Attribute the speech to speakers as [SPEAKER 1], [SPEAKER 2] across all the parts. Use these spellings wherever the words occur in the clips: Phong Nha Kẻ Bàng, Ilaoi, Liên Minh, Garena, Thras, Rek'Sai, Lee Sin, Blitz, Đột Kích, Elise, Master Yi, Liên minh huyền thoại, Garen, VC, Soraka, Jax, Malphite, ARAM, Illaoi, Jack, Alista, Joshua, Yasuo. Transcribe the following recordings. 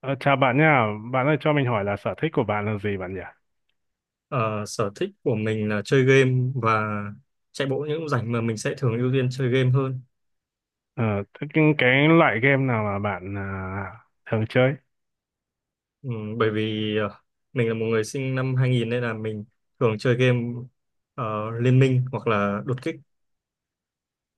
[SPEAKER 1] Ờ, Chào bạn nha, bạn ơi cho mình hỏi là sở thích của bạn là gì bạn nhỉ?
[SPEAKER 2] Ờ, Sở thích của mình là chơi game và chạy bộ những lúc rảnh mà mình sẽ thường ưu tiên chơi game hơn.
[SPEAKER 1] Ờ, Thế cái loại game nào mà bạn thường chơi?
[SPEAKER 2] Ừ, bởi vì mình là một người sinh năm 2000 nên là mình thường chơi game ờ, Liên Minh hoặc là Đột Kích.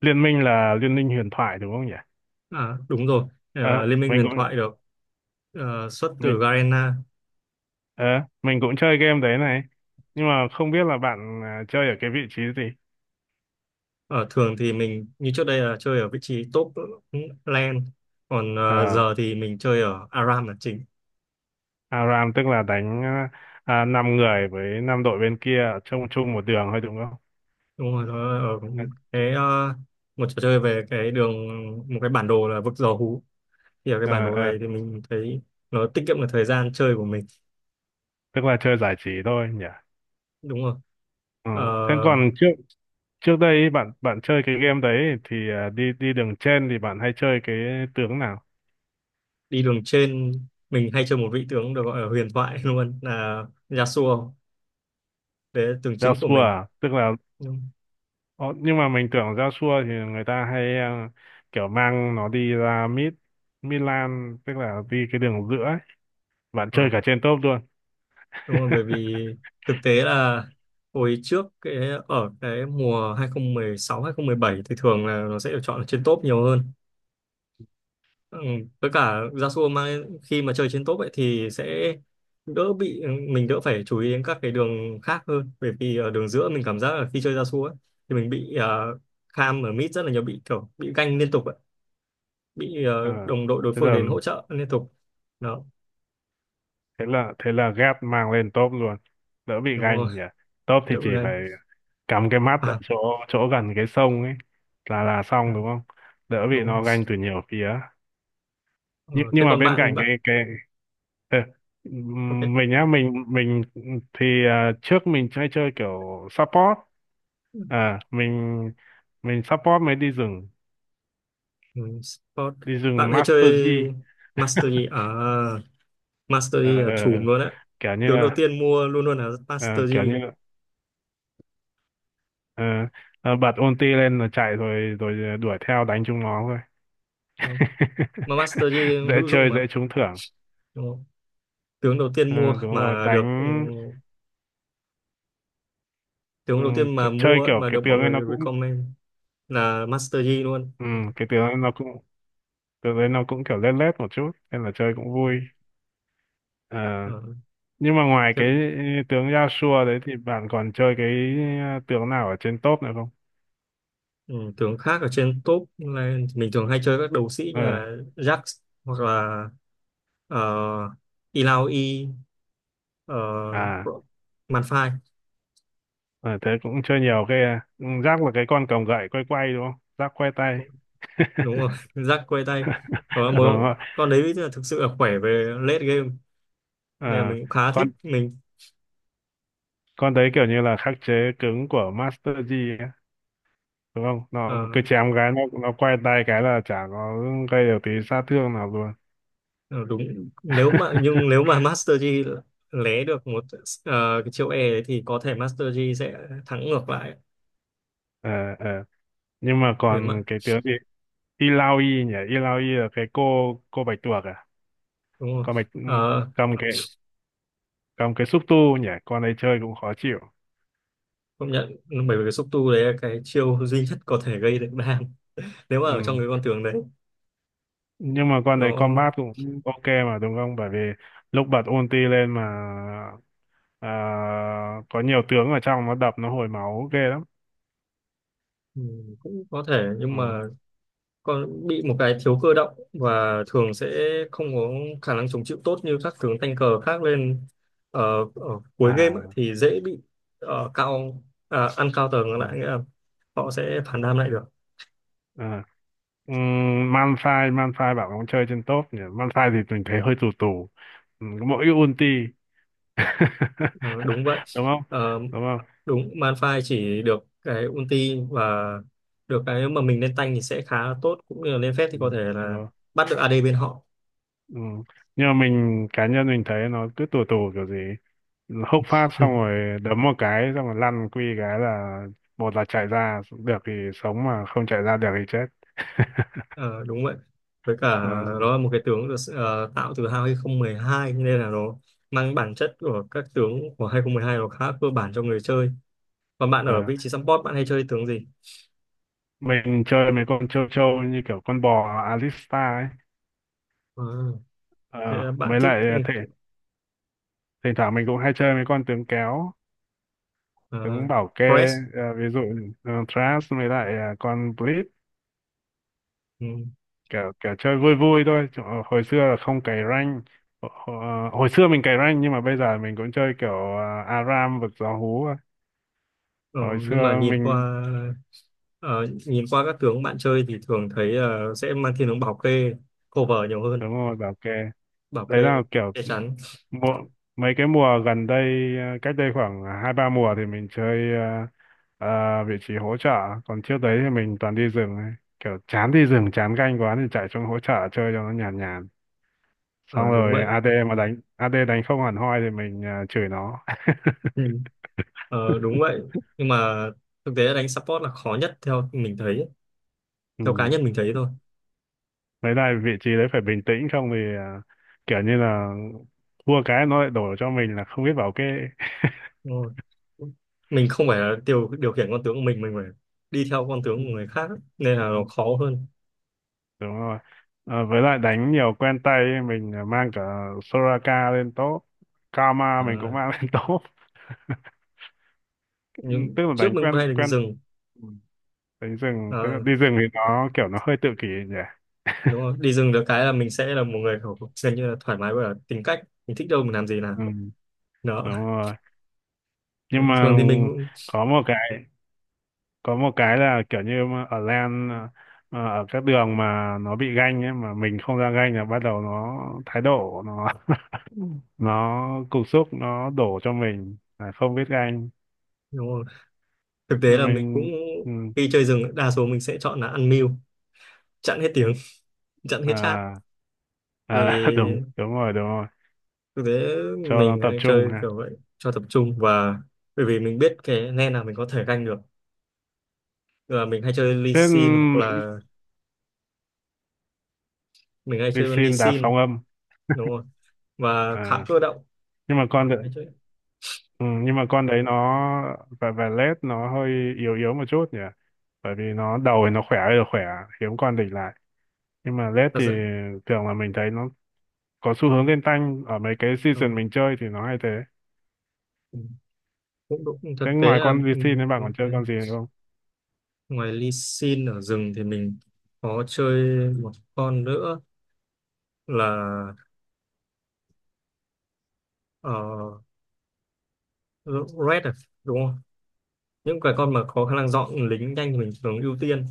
[SPEAKER 1] Liên minh là Liên minh huyền thoại đúng không nhỉ?
[SPEAKER 2] À, đúng rồi,
[SPEAKER 1] Ờ,
[SPEAKER 2] Liên Minh
[SPEAKER 1] mình
[SPEAKER 2] huyền
[SPEAKER 1] cũng
[SPEAKER 2] thoại được xuất từ
[SPEAKER 1] mình
[SPEAKER 2] Garena.
[SPEAKER 1] ờ, mình cũng chơi game đấy này, nhưng mà không biết là bạn chơi ở cái vị trí gì?
[SPEAKER 2] Ờ, Thường thì mình như trước đây là chơi ở vị trí top lane, còn
[SPEAKER 1] Ờ,
[SPEAKER 2] giờ thì mình chơi ở ARAM là chính.
[SPEAKER 1] ARAM tức là đánh 5 người với 5 đội bên kia chung chung một đường thôi đúng không?
[SPEAKER 2] Đúng rồi, nó ở cái một trò chơi về cái đường, một cái bản đồ là vực dò hú, thì ở cái bản
[SPEAKER 1] Ờ,
[SPEAKER 2] đồ
[SPEAKER 1] ờ,
[SPEAKER 2] này thì mình thấy nó tiết kiệm được thời gian chơi của mình.
[SPEAKER 1] Tức là chơi giải trí thôi nhỉ?
[SPEAKER 2] Đúng rồi.
[SPEAKER 1] Ừ.
[SPEAKER 2] Ờ,
[SPEAKER 1] Thế còn trước trước đây ý, bạn bạn chơi cái game đấy thì đi đi đường trên thì bạn hay chơi cái tướng nào?
[SPEAKER 2] Đi đường trên mình hay chơi một vị tướng được gọi là huyền thoại luôn là Yasuo, đấy là tướng chính của
[SPEAKER 1] Joshua
[SPEAKER 2] mình.
[SPEAKER 1] à? Tức là
[SPEAKER 2] Đúng,
[SPEAKER 1] Ồ, nhưng mà mình tưởng Joshua thì người ta hay kiểu mang nó đi ra mid. Milan tức là đi cái đường giữa ấy. Bạn
[SPEAKER 2] ờ,
[SPEAKER 1] chơi cả trên top luôn.
[SPEAKER 2] đúng rồi. Bởi vì thực tế là hồi trước cái ở cái mùa 2016 2017 thì thường là nó sẽ được chọn ở trên top nhiều hơn. Ừ. Với cả Yasuo mang khi mà chơi trên top ấy thì sẽ đỡ bị, mình đỡ phải chú ý đến các cái đường khác hơn, bởi vì ở đường giữa mình cảm giác là khi chơi Yasuo ấy thì mình bị uh, kham ở mid rất là nhiều, bị kiểu bị ganh liên tục ấy. Bị
[SPEAKER 1] Ờ,
[SPEAKER 2] đồng đội đối
[SPEAKER 1] thế
[SPEAKER 2] phương
[SPEAKER 1] là
[SPEAKER 2] đến hỗ trợ liên tục. Đó,
[SPEAKER 1] thế là ghép mang lên top luôn, đỡ bị
[SPEAKER 2] đúng rồi,
[SPEAKER 1] ganh nhỉ. Top thì
[SPEAKER 2] đỡ
[SPEAKER 1] chỉ
[SPEAKER 2] bị ganh
[SPEAKER 1] phải cắm cái mắt ở
[SPEAKER 2] à.
[SPEAKER 1] chỗ chỗ gần cái sông ấy là xong
[SPEAKER 2] Đó,
[SPEAKER 1] đúng không? Đỡ bị
[SPEAKER 2] đúng rồi.
[SPEAKER 1] nó ganh từ nhiều phía.
[SPEAKER 2] Ờ,
[SPEAKER 1] Nhưng
[SPEAKER 2] Thế
[SPEAKER 1] mà
[SPEAKER 2] còn
[SPEAKER 1] bên
[SPEAKER 2] bạn
[SPEAKER 1] cạnh cái
[SPEAKER 2] bạn
[SPEAKER 1] cái ờ,
[SPEAKER 2] Ok.
[SPEAKER 1] mình á mình thì trước mình chơi chơi kiểu support. À mình mình support mới đi rừng.
[SPEAKER 2] Ừ, sport.
[SPEAKER 1] Đi
[SPEAKER 2] Bạn
[SPEAKER 1] rừng
[SPEAKER 2] hay
[SPEAKER 1] Master
[SPEAKER 2] chơi
[SPEAKER 1] G.
[SPEAKER 2] Master Yi à? Master
[SPEAKER 1] Ờ,
[SPEAKER 2] Yi là
[SPEAKER 1] ờ,
[SPEAKER 2] chùm luôn á.
[SPEAKER 1] kiểu như
[SPEAKER 2] Tướng đầu tiên mua luôn luôn là
[SPEAKER 1] ờ,
[SPEAKER 2] Master
[SPEAKER 1] kiểu
[SPEAKER 2] Yi.
[SPEAKER 1] như ờ, ờ, Bật ulti lên rồi chạy rồi rồi đuổi theo đánh chúng nó thôi.
[SPEAKER 2] Ừ. Mà Master Yi
[SPEAKER 1] Dễ
[SPEAKER 2] hữu dụng
[SPEAKER 1] chơi
[SPEAKER 2] mà.
[SPEAKER 1] dễ trúng thưởng.
[SPEAKER 2] Đúng không? Tướng đầu tiên
[SPEAKER 1] Ờ,
[SPEAKER 2] mua
[SPEAKER 1] Đúng rồi
[SPEAKER 2] mà được,
[SPEAKER 1] đánh.
[SPEAKER 2] tướng đầu tiên mà
[SPEAKER 1] Ch- chơi
[SPEAKER 2] mua ấy,
[SPEAKER 1] kiểu
[SPEAKER 2] mà
[SPEAKER 1] cái
[SPEAKER 2] được mọi
[SPEAKER 1] tướng ấy nó
[SPEAKER 2] người
[SPEAKER 1] cũng
[SPEAKER 2] recommend là Master Yi luôn. Ok.
[SPEAKER 1] Cái tướng ấy nó cũng tựa đấy nó cũng kiểu lết lết một chút nên là chơi cũng vui. Ờ,
[SPEAKER 2] Ờ,
[SPEAKER 1] nhưng mà ngoài
[SPEAKER 2] Thế,
[SPEAKER 1] cái tướng Yasuo đấy thì bạn còn chơi cái tướng nào ở trên top nữa không?
[SPEAKER 2] ừ, tướng khác ở trên top là mình thường hay chơi các đấu sĩ
[SPEAKER 1] ờ
[SPEAKER 2] như là Jax hoặc là uh, Illaoi, uh,
[SPEAKER 1] à
[SPEAKER 2] Malphite.
[SPEAKER 1] ờ, Thế cũng chơi nhiều cái à. Ừ, Jack là cái con cầm gậy quay quay đúng không? Jack quay tay.
[SPEAKER 2] Đúng rồi. Rắc quay tay, đó mà.
[SPEAKER 1] Đúng rồi.
[SPEAKER 2] Con đấy là thực sự là khỏe về late game nên là
[SPEAKER 1] ờ
[SPEAKER 2] mình cũng khá thích.
[SPEAKER 1] con
[SPEAKER 2] Mình
[SPEAKER 1] con đấy kiểu như là khắc chế cứng của Master Yi ấy, đúng không? Nó
[SPEAKER 2] ờ,
[SPEAKER 1] cứ chém cái nó quay tay cái là chả có gây được tí sát thương nào luôn.
[SPEAKER 2] ờ, đúng, nếu mà, nhưng nếu mà Master Yi lé được một cái chiêu E đấy thì có thể Master Yi sẽ thắng ngược lại
[SPEAKER 1] ờ ờ nhưng mà
[SPEAKER 2] về mặt,
[SPEAKER 1] còn cái tướng gì? Ilaoi nhỉ, Ilaoi là cái cô bạch tuộc à,
[SPEAKER 2] đúng không?
[SPEAKER 1] con bạch
[SPEAKER 2] Ờ,
[SPEAKER 1] cầm cái cầm cái xúc tu nhỉ, con ấy chơi cũng khó chịu.
[SPEAKER 2] Công nhận. Bởi vì cái xúc tu đấy là cái chiêu duy nhất có thể gây được đam nếu mà
[SPEAKER 1] Ừ.
[SPEAKER 2] ở trong cái con tướng đấy.
[SPEAKER 1] Nhưng mà con đấy
[SPEAKER 2] Nó,
[SPEAKER 1] combat cũng ok mà đúng không? Bởi vì lúc bật ulti lên mà à, có nhiều tướng ở trong nó đập nó hồi máu ghê lắm.
[SPEAKER 2] ừ, cũng có thể, nhưng
[SPEAKER 1] Ừ.
[SPEAKER 2] mà con bị một cái thiếu cơ động và thường sẽ không có khả năng chống chịu tốt như các tướng tank cờ khác lên. ờ, Ở cuối game ấy
[SPEAKER 1] À,
[SPEAKER 2] thì dễ bị cao, à, ăn cao tầng
[SPEAKER 1] ừ.
[SPEAKER 2] lại, nghĩa là họ sẽ phản đam lại được.
[SPEAKER 1] À. Ừ, Malphite, Malphite bảo không chơi trên top nhỉ. Malphite thì mình thấy hơi tù tù. Ừ, mỗi ulti.
[SPEAKER 2] Ờ, Đúng vậy.
[SPEAKER 1] Đúng không?
[SPEAKER 2] Ờ,
[SPEAKER 1] Đúng không?
[SPEAKER 2] Đúng, Malphite chỉ được cái ulti và được cái mà mình lên tank thì sẽ khá là tốt, cũng như là lên phép thì có thể là
[SPEAKER 1] Ừ.
[SPEAKER 2] bắt được AD bên họ.
[SPEAKER 1] Ừ. Nhưng mà mình cá nhân mình thấy nó cứ tù tù kiểu gì, hốc phát
[SPEAKER 2] Ừ.
[SPEAKER 1] xong rồi đấm một cái xong rồi lăn quy cái là một là chạy ra được thì sống, mà không chạy ra được thì chết.
[SPEAKER 2] Ờ, Đúng vậy. Với cả
[SPEAKER 1] Ừ.
[SPEAKER 2] nó là một cái tướng được tạo từ 2012 nên là nó mang bản chất của các tướng của 2012, nó khá cơ bản cho người chơi. Còn bạn ở
[SPEAKER 1] ờ.
[SPEAKER 2] vị trí support bạn hay chơi tướng gì?
[SPEAKER 1] Mình chơi mấy con châu châu như kiểu con bò Alista ấy.
[SPEAKER 2] Ờ, Thế
[SPEAKER 1] Ờ,
[SPEAKER 2] là bạn
[SPEAKER 1] Mới
[SPEAKER 2] thích
[SPEAKER 1] lại thể, thỉnh thoảng mình cũng hay chơi mấy con tướng kéo
[SPEAKER 2] uh,
[SPEAKER 1] tướng bảo kê.
[SPEAKER 2] press.
[SPEAKER 1] Ví dụ Thras với lại con Blitz.
[SPEAKER 2] Ừ.
[SPEAKER 1] Kiểu kiểu chơi vui vui thôi, chứ hồi xưa là không cày rank. Hồi xưa mình cày rank nhưng mà bây giờ mình cũng chơi kiểu ARAM vực gió hú thôi.
[SPEAKER 2] Ờ,
[SPEAKER 1] Hồi
[SPEAKER 2] nhưng mà
[SPEAKER 1] xưa
[SPEAKER 2] nhìn
[SPEAKER 1] mình
[SPEAKER 2] qua, nhìn qua các tướng bạn chơi thì thường thấy sẽ mang thiên hướng bảo kê, cover nhiều hơn,
[SPEAKER 1] đúng rồi bảo kê
[SPEAKER 2] bảo
[SPEAKER 1] đấy
[SPEAKER 2] kê,
[SPEAKER 1] là kiểu
[SPEAKER 2] che chắn.
[SPEAKER 1] mùa, mấy cái mùa gần đây cách đây khoảng 2 3 mùa thì mình chơi vị trí hỗ trợ. Còn trước đấy thì mình toàn đi rừng ấy. Kiểu chán đi rừng chán canh quá thì chạy xuống hỗ trợ chơi cho nó nhàn nhàn,
[SPEAKER 2] Ờ,
[SPEAKER 1] xong
[SPEAKER 2] Đúng
[SPEAKER 1] rồi
[SPEAKER 2] vậy.
[SPEAKER 1] AD mà đánh, AD đánh không hẳn hoi thì mình chửi nó.
[SPEAKER 2] Ừ. Đúng vậy, nhưng mà thực tế đánh support là khó nhất theo mình thấy, theo cá
[SPEAKER 1] Ừ.
[SPEAKER 2] nhân mình thấy thôi.
[SPEAKER 1] Với lại vị trí đấy phải bình tĩnh, không thì kiểu như là thua cái nó lại đổ cho mình là không biết bảo kê.
[SPEAKER 2] Đúng rồi. Mình không phải là điều điều khiển con tướng của mình phải đi theo con tướng
[SPEAKER 1] Ừ,
[SPEAKER 2] của người khác ấy, nên là
[SPEAKER 1] ừ.
[SPEAKER 2] nó khó hơn.
[SPEAKER 1] Đúng rồi. À, với lại đánh nhiều quen tay ấy, mình mang cả Soraka lên top. Karma
[SPEAKER 2] à,
[SPEAKER 1] mình cũng mang lên top. Ừ,
[SPEAKER 2] nhưng
[SPEAKER 1] tức là
[SPEAKER 2] trước
[SPEAKER 1] đánh
[SPEAKER 2] mình cũng
[SPEAKER 1] quen
[SPEAKER 2] hay đánh
[SPEAKER 1] quen.
[SPEAKER 2] rừng.
[SPEAKER 1] ừ, Đánh rừng, tức là
[SPEAKER 2] À,
[SPEAKER 1] đi rừng thì nó kiểu nó hơi tự kỷ nhỉ.
[SPEAKER 2] đúng rồi. Đi rừng được cái là mình sẽ là một người kiểu gần như là thoải mái, và tính cách mình thích đâu mình làm gì nào
[SPEAKER 1] Ừ,
[SPEAKER 2] đó,
[SPEAKER 1] đúng rồi. Nhưng mà
[SPEAKER 2] thường thì mình cũng
[SPEAKER 1] có một cái có một cái là kiểu như mà ở lan ở các đường mà nó bị ganh ấy mà mình không ra ganh là bắt đầu nó thái độ, nó nó cục xúc, nó đổ cho mình là không biết ganh.
[SPEAKER 2] đúng rồi. Thực tế
[SPEAKER 1] Rồi
[SPEAKER 2] là mình cũng,
[SPEAKER 1] mình ừ,
[SPEAKER 2] khi chơi rừng đa số mình sẽ chọn là ăn mưu, chặn hết tiếng, chặn hết chat,
[SPEAKER 1] à, đúng
[SPEAKER 2] để
[SPEAKER 1] đúng rồi
[SPEAKER 2] thực tế
[SPEAKER 1] cho nó
[SPEAKER 2] mình
[SPEAKER 1] tập
[SPEAKER 2] hay
[SPEAKER 1] trung
[SPEAKER 2] chơi
[SPEAKER 1] ha.
[SPEAKER 2] kiểu vậy cho tập trung, và bởi vì mình biết cái lane nào mình có thể ganh được là mình hay chơi Lee
[SPEAKER 1] Thế
[SPEAKER 2] Sin hoặc là mình hay
[SPEAKER 1] đi
[SPEAKER 2] chơi con Lee
[SPEAKER 1] xin đá sóng
[SPEAKER 2] Sin,
[SPEAKER 1] âm
[SPEAKER 2] đúng không? Và khá
[SPEAKER 1] à,
[SPEAKER 2] cơ động,
[SPEAKER 1] nhưng mà
[SPEAKER 2] hay chơi.
[SPEAKER 1] ừ, nhưng mà con đấy nó và led nó hơi yếu yếu một chút nhỉ, bởi vì nó đầu thì nó khỏe ơi là khỏe, hiếm con địch lại, nhưng mà led
[SPEAKER 2] Thật
[SPEAKER 1] thì
[SPEAKER 2] sự,
[SPEAKER 1] thường là mình thấy nó có xu hướng lên tanh ở mấy cái
[SPEAKER 2] đúng
[SPEAKER 1] season
[SPEAKER 2] không?
[SPEAKER 1] mình chơi thì nó hay thế.
[SPEAKER 2] Ừ. Cũng đúng, thực
[SPEAKER 1] Thế
[SPEAKER 2] tế
[SPEAKER 1] ngoài
[SPEAKER 2] là,
[SPEAKER 1] con VC nên bạn còn
[SPEAKER 2] thế.
[SPEAKER 1] chơi con gì nữa không?
[SPEAKER 2] Ngoài Lee Sin ở rừng thì mình có chơi một con nữa là uh, Red à? Đúng không? Những cái con mà có khả năng dọn lính nhanh thì mình thường ưu tiên.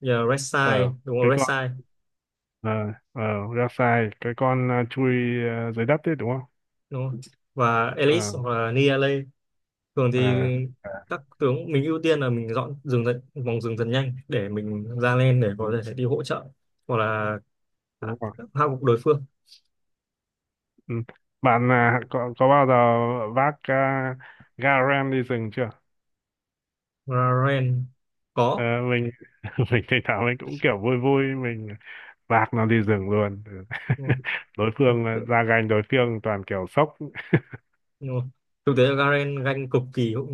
[SPEAKER 2] Giờ Red Side
[SPEAKER 1] ờ
[SPEAKER 2] đúng không?
[SPEAKER 1] cái
[SPEAKER 2] Red
[SPEAKER 1] con
[SPEAKER 2] Side
[SPEAKER 1] ờ ờ Rek'Sai cái con chui dưới đất đấy đúng không?
[SPEAKER 2] đúng không? Và
[SPEAKER 1] ờ
[SPEAKER 2] Elise hoặc là Niale. Thường thì
[SPEAKER 1] ờ
[SPEAKER 2] các tướng mình ưu tiên là mình dọn rừng dần, vòng rừng dần nhanh để mình ra lên, để
[SPEAKER 1] ừ,
[SPEAKER 2] có thể đi hỗ trợ hoặc là hạ
[SPEAKER 1] đúng rồi.
[SPEAKER 2] hạ gục đối phương.
[SPEAKER 1] Ừ. Bạn có bao giờ vác Garen đi rừng chưa?
[SPEAKER 2] Garen
[SPEAKER 1] ờ
[SPEAKER 2] có.
[SPEAKER 1] mình mình thỉnh thoảng mình cũng kiểu vui vui mình vác nó đi rừng luôn.
[SPEAKER 2] Đúng rồi.
[SPEAKER 1] Đối
[SPEAKER 2] Thực
[SPEAKER 1] phương
[SPEAKER 2] tế,
[SPEAKER 1] ra gành đối phương toàn kiểu sốc.
[SPEAKER 2] đúng rồi. Thực tế là Garen ganh cực kỳ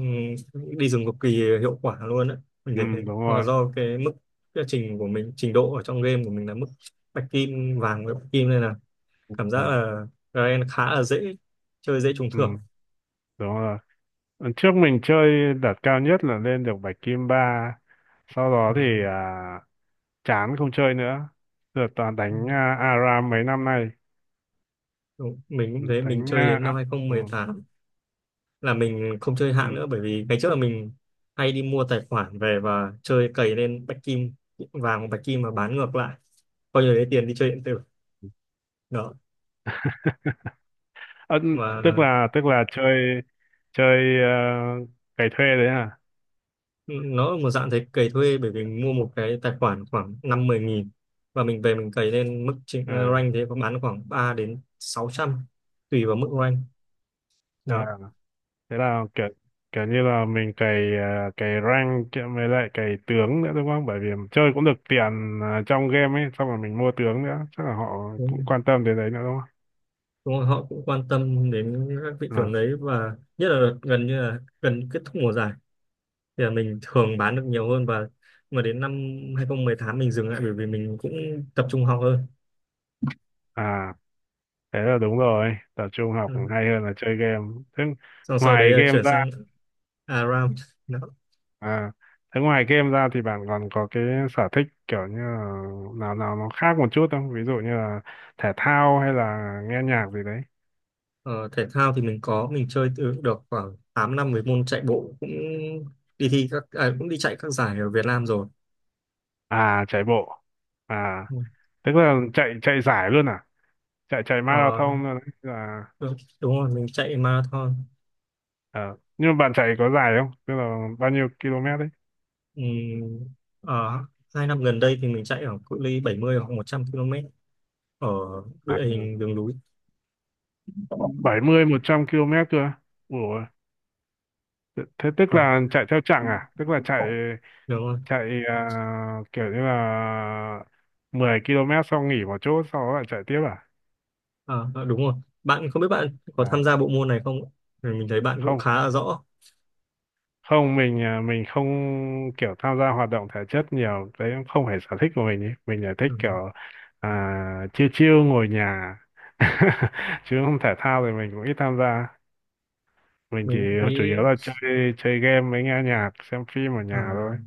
[SPEAKER 2] đi rừng cực kỳ hiệu quả luôn đấy, mình
[SPEAKER 1] Ừ,
[SPEAKER 2] thấy thế.
[SPEAKER 1] đúng
[SPEAKER 2] Hoặc là
[SPEAKER 1] rồi.
[SPEAKER 2] do cái mức, cái trình của mình, trình độ ở trong game của mình là mức bạch kim vàng với bạch kim, nên là cảm giác
[SPEAKER 1] Ờ,
[SPEAKER 2] là Garen khá là dễ chơi dễ trúng
[SPEAKER 1] ừ,
[SPEAKER 2] thưởng.
[SPEAKER 1] Đúng rồi. Lần trước mình chơi đạt cao nhất là lên được bạch kim ba, sau đó
[SPEAKER 2] À,
[SPEAKER 1] thì chán không chơi nữa, giờ toàn đánh ARAM mấy năm nay.
[SPEAKER 2] đúng. Mình cũng
[SPEAKER 1] Ừ,
[SPEAKER 2] thế, mình
[SPEAKER 1] đánh
[SPEAKER 2] chơi đến năm hai không
[SPEAKER 1] ừ,
[SPEAKER 2] một tám là mình không chơi hạng
[SPEAKER 1] ừ.
[SPEAKER 2] nữa, bởi vì ngày trước là mình hay đi mua tài khoản về và chơi cày lên bạch kim vàng hoặc bạch kim và bán ngược lại, coi như lấy tiền đi chơi điện tử. Đó.
[SPEAKER 1] Ờ, Tức
[SPEAKER 2] Và
[SPEAKER 1] là tức là chơi chơi à, cày thuê đấy à?
[SPEAKER 2] nó là một dạng thế, cày thuê, bởi vì mình mua một cái tài khoản khoảng năm mười nghìn, và mình về mình cày lên mức
[SPEAKER 1] Ờ,
[SPEAKER 2] rank thế có bán khoảng 3 đến sáu trăm, tùy vào mức rank.
[SPEAKER 1] ờ,
[SPEAKER 2] Đó.
[SPEAKER 1] Thế là kiểu kiểu như là mình cày cày rank kia với lại cày tướng nữa đúng không? Bởi vì chơi cũng được tiền trong game ấy, xong rồi mình mua tướng nữa chắc là họ cũng quan tâm đến đấy nữa đúng không?
[SPEAKER 2] Đúng rồi, họ cũng quan tâm đến các thị trường
[SPEAKER 1] à,
[SPEAKER 2] đấy và nhất là đợt gần như là gần kết thúc mùa giải thì là mình thường bán được nhiều hơn. Và mà đến năm 2018 mình dừng lại bởi vì mình cũng tập trung học hơn.
[SPEAKER 1] à Thế là đúng rồi tập trung học
[SPEAKER 2] Ừ.
[SPEAKER 1] cũng hay hơn là chơi game. Thế
[SPEAKER 2] Xong sau đấy
[SPEAKER 1] ngoài
[SPEAKER 2] là
[SPEAKER 1] game
[SPEAKER 2] chuyển
[SPEAKER 1] ra
[SPEAKER 2] sang ARAM. Đó.
[SPEAKER 1] à thế ngoài game ra thì bạn còn có cái sở thích kiểu như là nào nào nó khác một chút không? Ví dụ như là thể thao hay là nghe nhạc gì đấy?
[SPEAKER 2] Ờ, Thể thao thì mình có, mình chơi từ được khoảng 8 năm với môn chạy bộ, cũng đi thi các, à, cũng đi chạy các giải ở Việt Nam rồi.
[SPEAKER 1] Chạy bộ à?
[SPEAKER 2] Ừ.
[SPEAKER 1] Tức là chạy chạy giải luôn à? Chạy chạy
[SPEAKER 2] Ờ,
[SPEAKER 1] marathon? Thôi đấy là
[SPEAKER 2] Đúng, rồi mình chạy marathon.
[SPEAKER 1] ờ. Nhưng mà bạn chạy có dài không, tức là bao nhiêu km đấy?
[SPEAKER 2] Ừ, ở 2 năm gần đây thì mình chạy ở cự ly 70 hoặc 100 km ở
[SPEAKER 1] à,
[SPEAKER 2] địa hình đường núi.
[SPEAKER 1] 70 một trăm km cơ? Ủa, thế tức
[SPEAKER 2] Ờ,
[SPEAKER 1] là chạy theo chặng à? Tức là chạy
[SPEAKER 2] đúng rồi.
[SPEAKER 1] chạy kiểu như là 10 km xong nghỉ một chỗ sau đó lại chạy tiếp
[SPEAKER 2] Ờ, đúng rồi. Bạn không biết bạn có
[SPEAKER 1] à
[SPEAKER 2] tham gia bộ môn này không? Ừ, mình thấy bạn cũng
[SPEAKER 1] không,
[SPEAKER 2] khá là rõ.
[SPEAKER 1] không, mình mình không kiểu tham gia hoạt động thể chất nhiều đấy cũng không phải sở thích của mình ý. Mình là thích
[SPEAKER 2] Ừ,
[SPEAKER 1] kiểu chiêu chiêu ngồi nhà. Chứ không, thể thao thì mình cũng ít tham gia, mình chỉ
[SPEAKER 2] mình cũng
[SPEAKER 1] chủ
[SPEAKER 2] thấy,
[SPEAKER 1] yếu là chơi chơi game với nghe nhạc xem phim ở
[SPEAKER 2] à,
[SPEAKER 1] nhà thôi.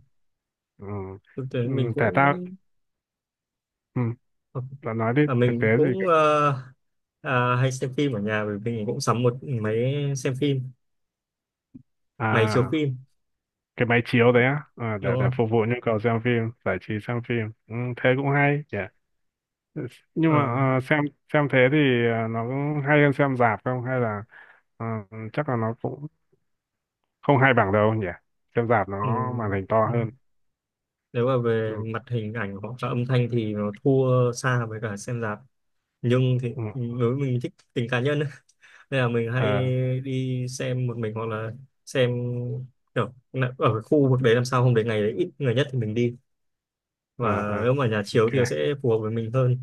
[SPEAKER 1] Ừ.
[SPEAKER 2] thực tế
[SPEAKER 1] Ừ,
[SPEAKER 2] mình
[SPEAKER 1] thể
[SPEAKER 2] cũng
[SPEAKER 1] thao. Ừ.
[SPEAKER 2] ờ,
[SPEAKER 1] Bạn nói đi
[SPEAKER 2] à,
[SPEAKER 1] thực tế
[SPEAKER 2] mình
[SPEAKER 1] gì
[SPEAKER 2] cũng
[SPEAKER 1] cả.
[SPEAKER 2] à, hay xem phim ở nhà, bởi vì mình cũng sắm một máy xem phim, máy chiếu
[SPEAKER 1] à
[SPEAKER 2] phim,
[SPEAKER 1] cái máy chiếu đấy á, để
[SPEAKER 2] đúng
[SPEAKER 1] để
[SPEAKER 2] không?
[SPEAKER 1] phục vụ nhu cầu xem phim giải trí xem phim. Ừ, thế cũng hay. Nhưng mà
[SPEAKER 2] Ờ,
[SPEAKER 1] à, xem xem thế thì nó cũng hay hơn xem rạp không, hay là à, chắc là nó cũng không hay bằng đâu nhỉ. Xem rạp nó màn hình to
[SPEAKER 2] ừ.
[SPEAKER 1] hơn.
[SPEAKER 2] Nếu mà
[SPEAKER 1] Ừ,
[SPEAKER 2] về mặt hình ảnh hoặc là âm thanh thì nó thua xa với cả xem rạp, nhưng thì
[SPEAKER 1] ừ,
[SPEAKER 2] đối với mình thích tính cá nhân ấy. Nên là mình hay
[SPEAKER 1] ờ,
[SPEAKER 2] đi xem một mình, hoặc là xem kiểu là ở cái khu vực đấy, làm sao hôm đấy ngày đấy ít người nhất thì mình đi,
[SPEAKER 1] ờ,
[SPEAKER 2] và
[SPEAKER 1] ờ,
[SPEAKER 2] nếu mà nhà chiếu thì nó
[SPEAKER 1] ok
[SPEAKER 2] sẽ phù hợp với mình hơn.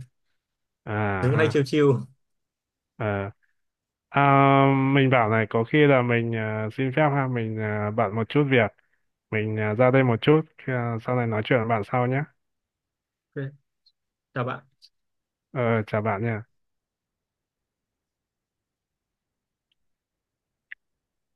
[SPEAKER 1] à
[SPEAKER 2] Mình cũng hay
[SPEAKER 1] ha
[SPEAKER 2] chill chill.
[SPEAKER 1] ờ. à, mình bảo này có khi là mình xin phép ha, mình bận một chút việc, mình ra đây một chút sau này nói chuyện với bạn sau nhé.
[SPEAKER 2] Ok, chào bạn.
[SPEAKER 1] ờ, Chào bạn nha.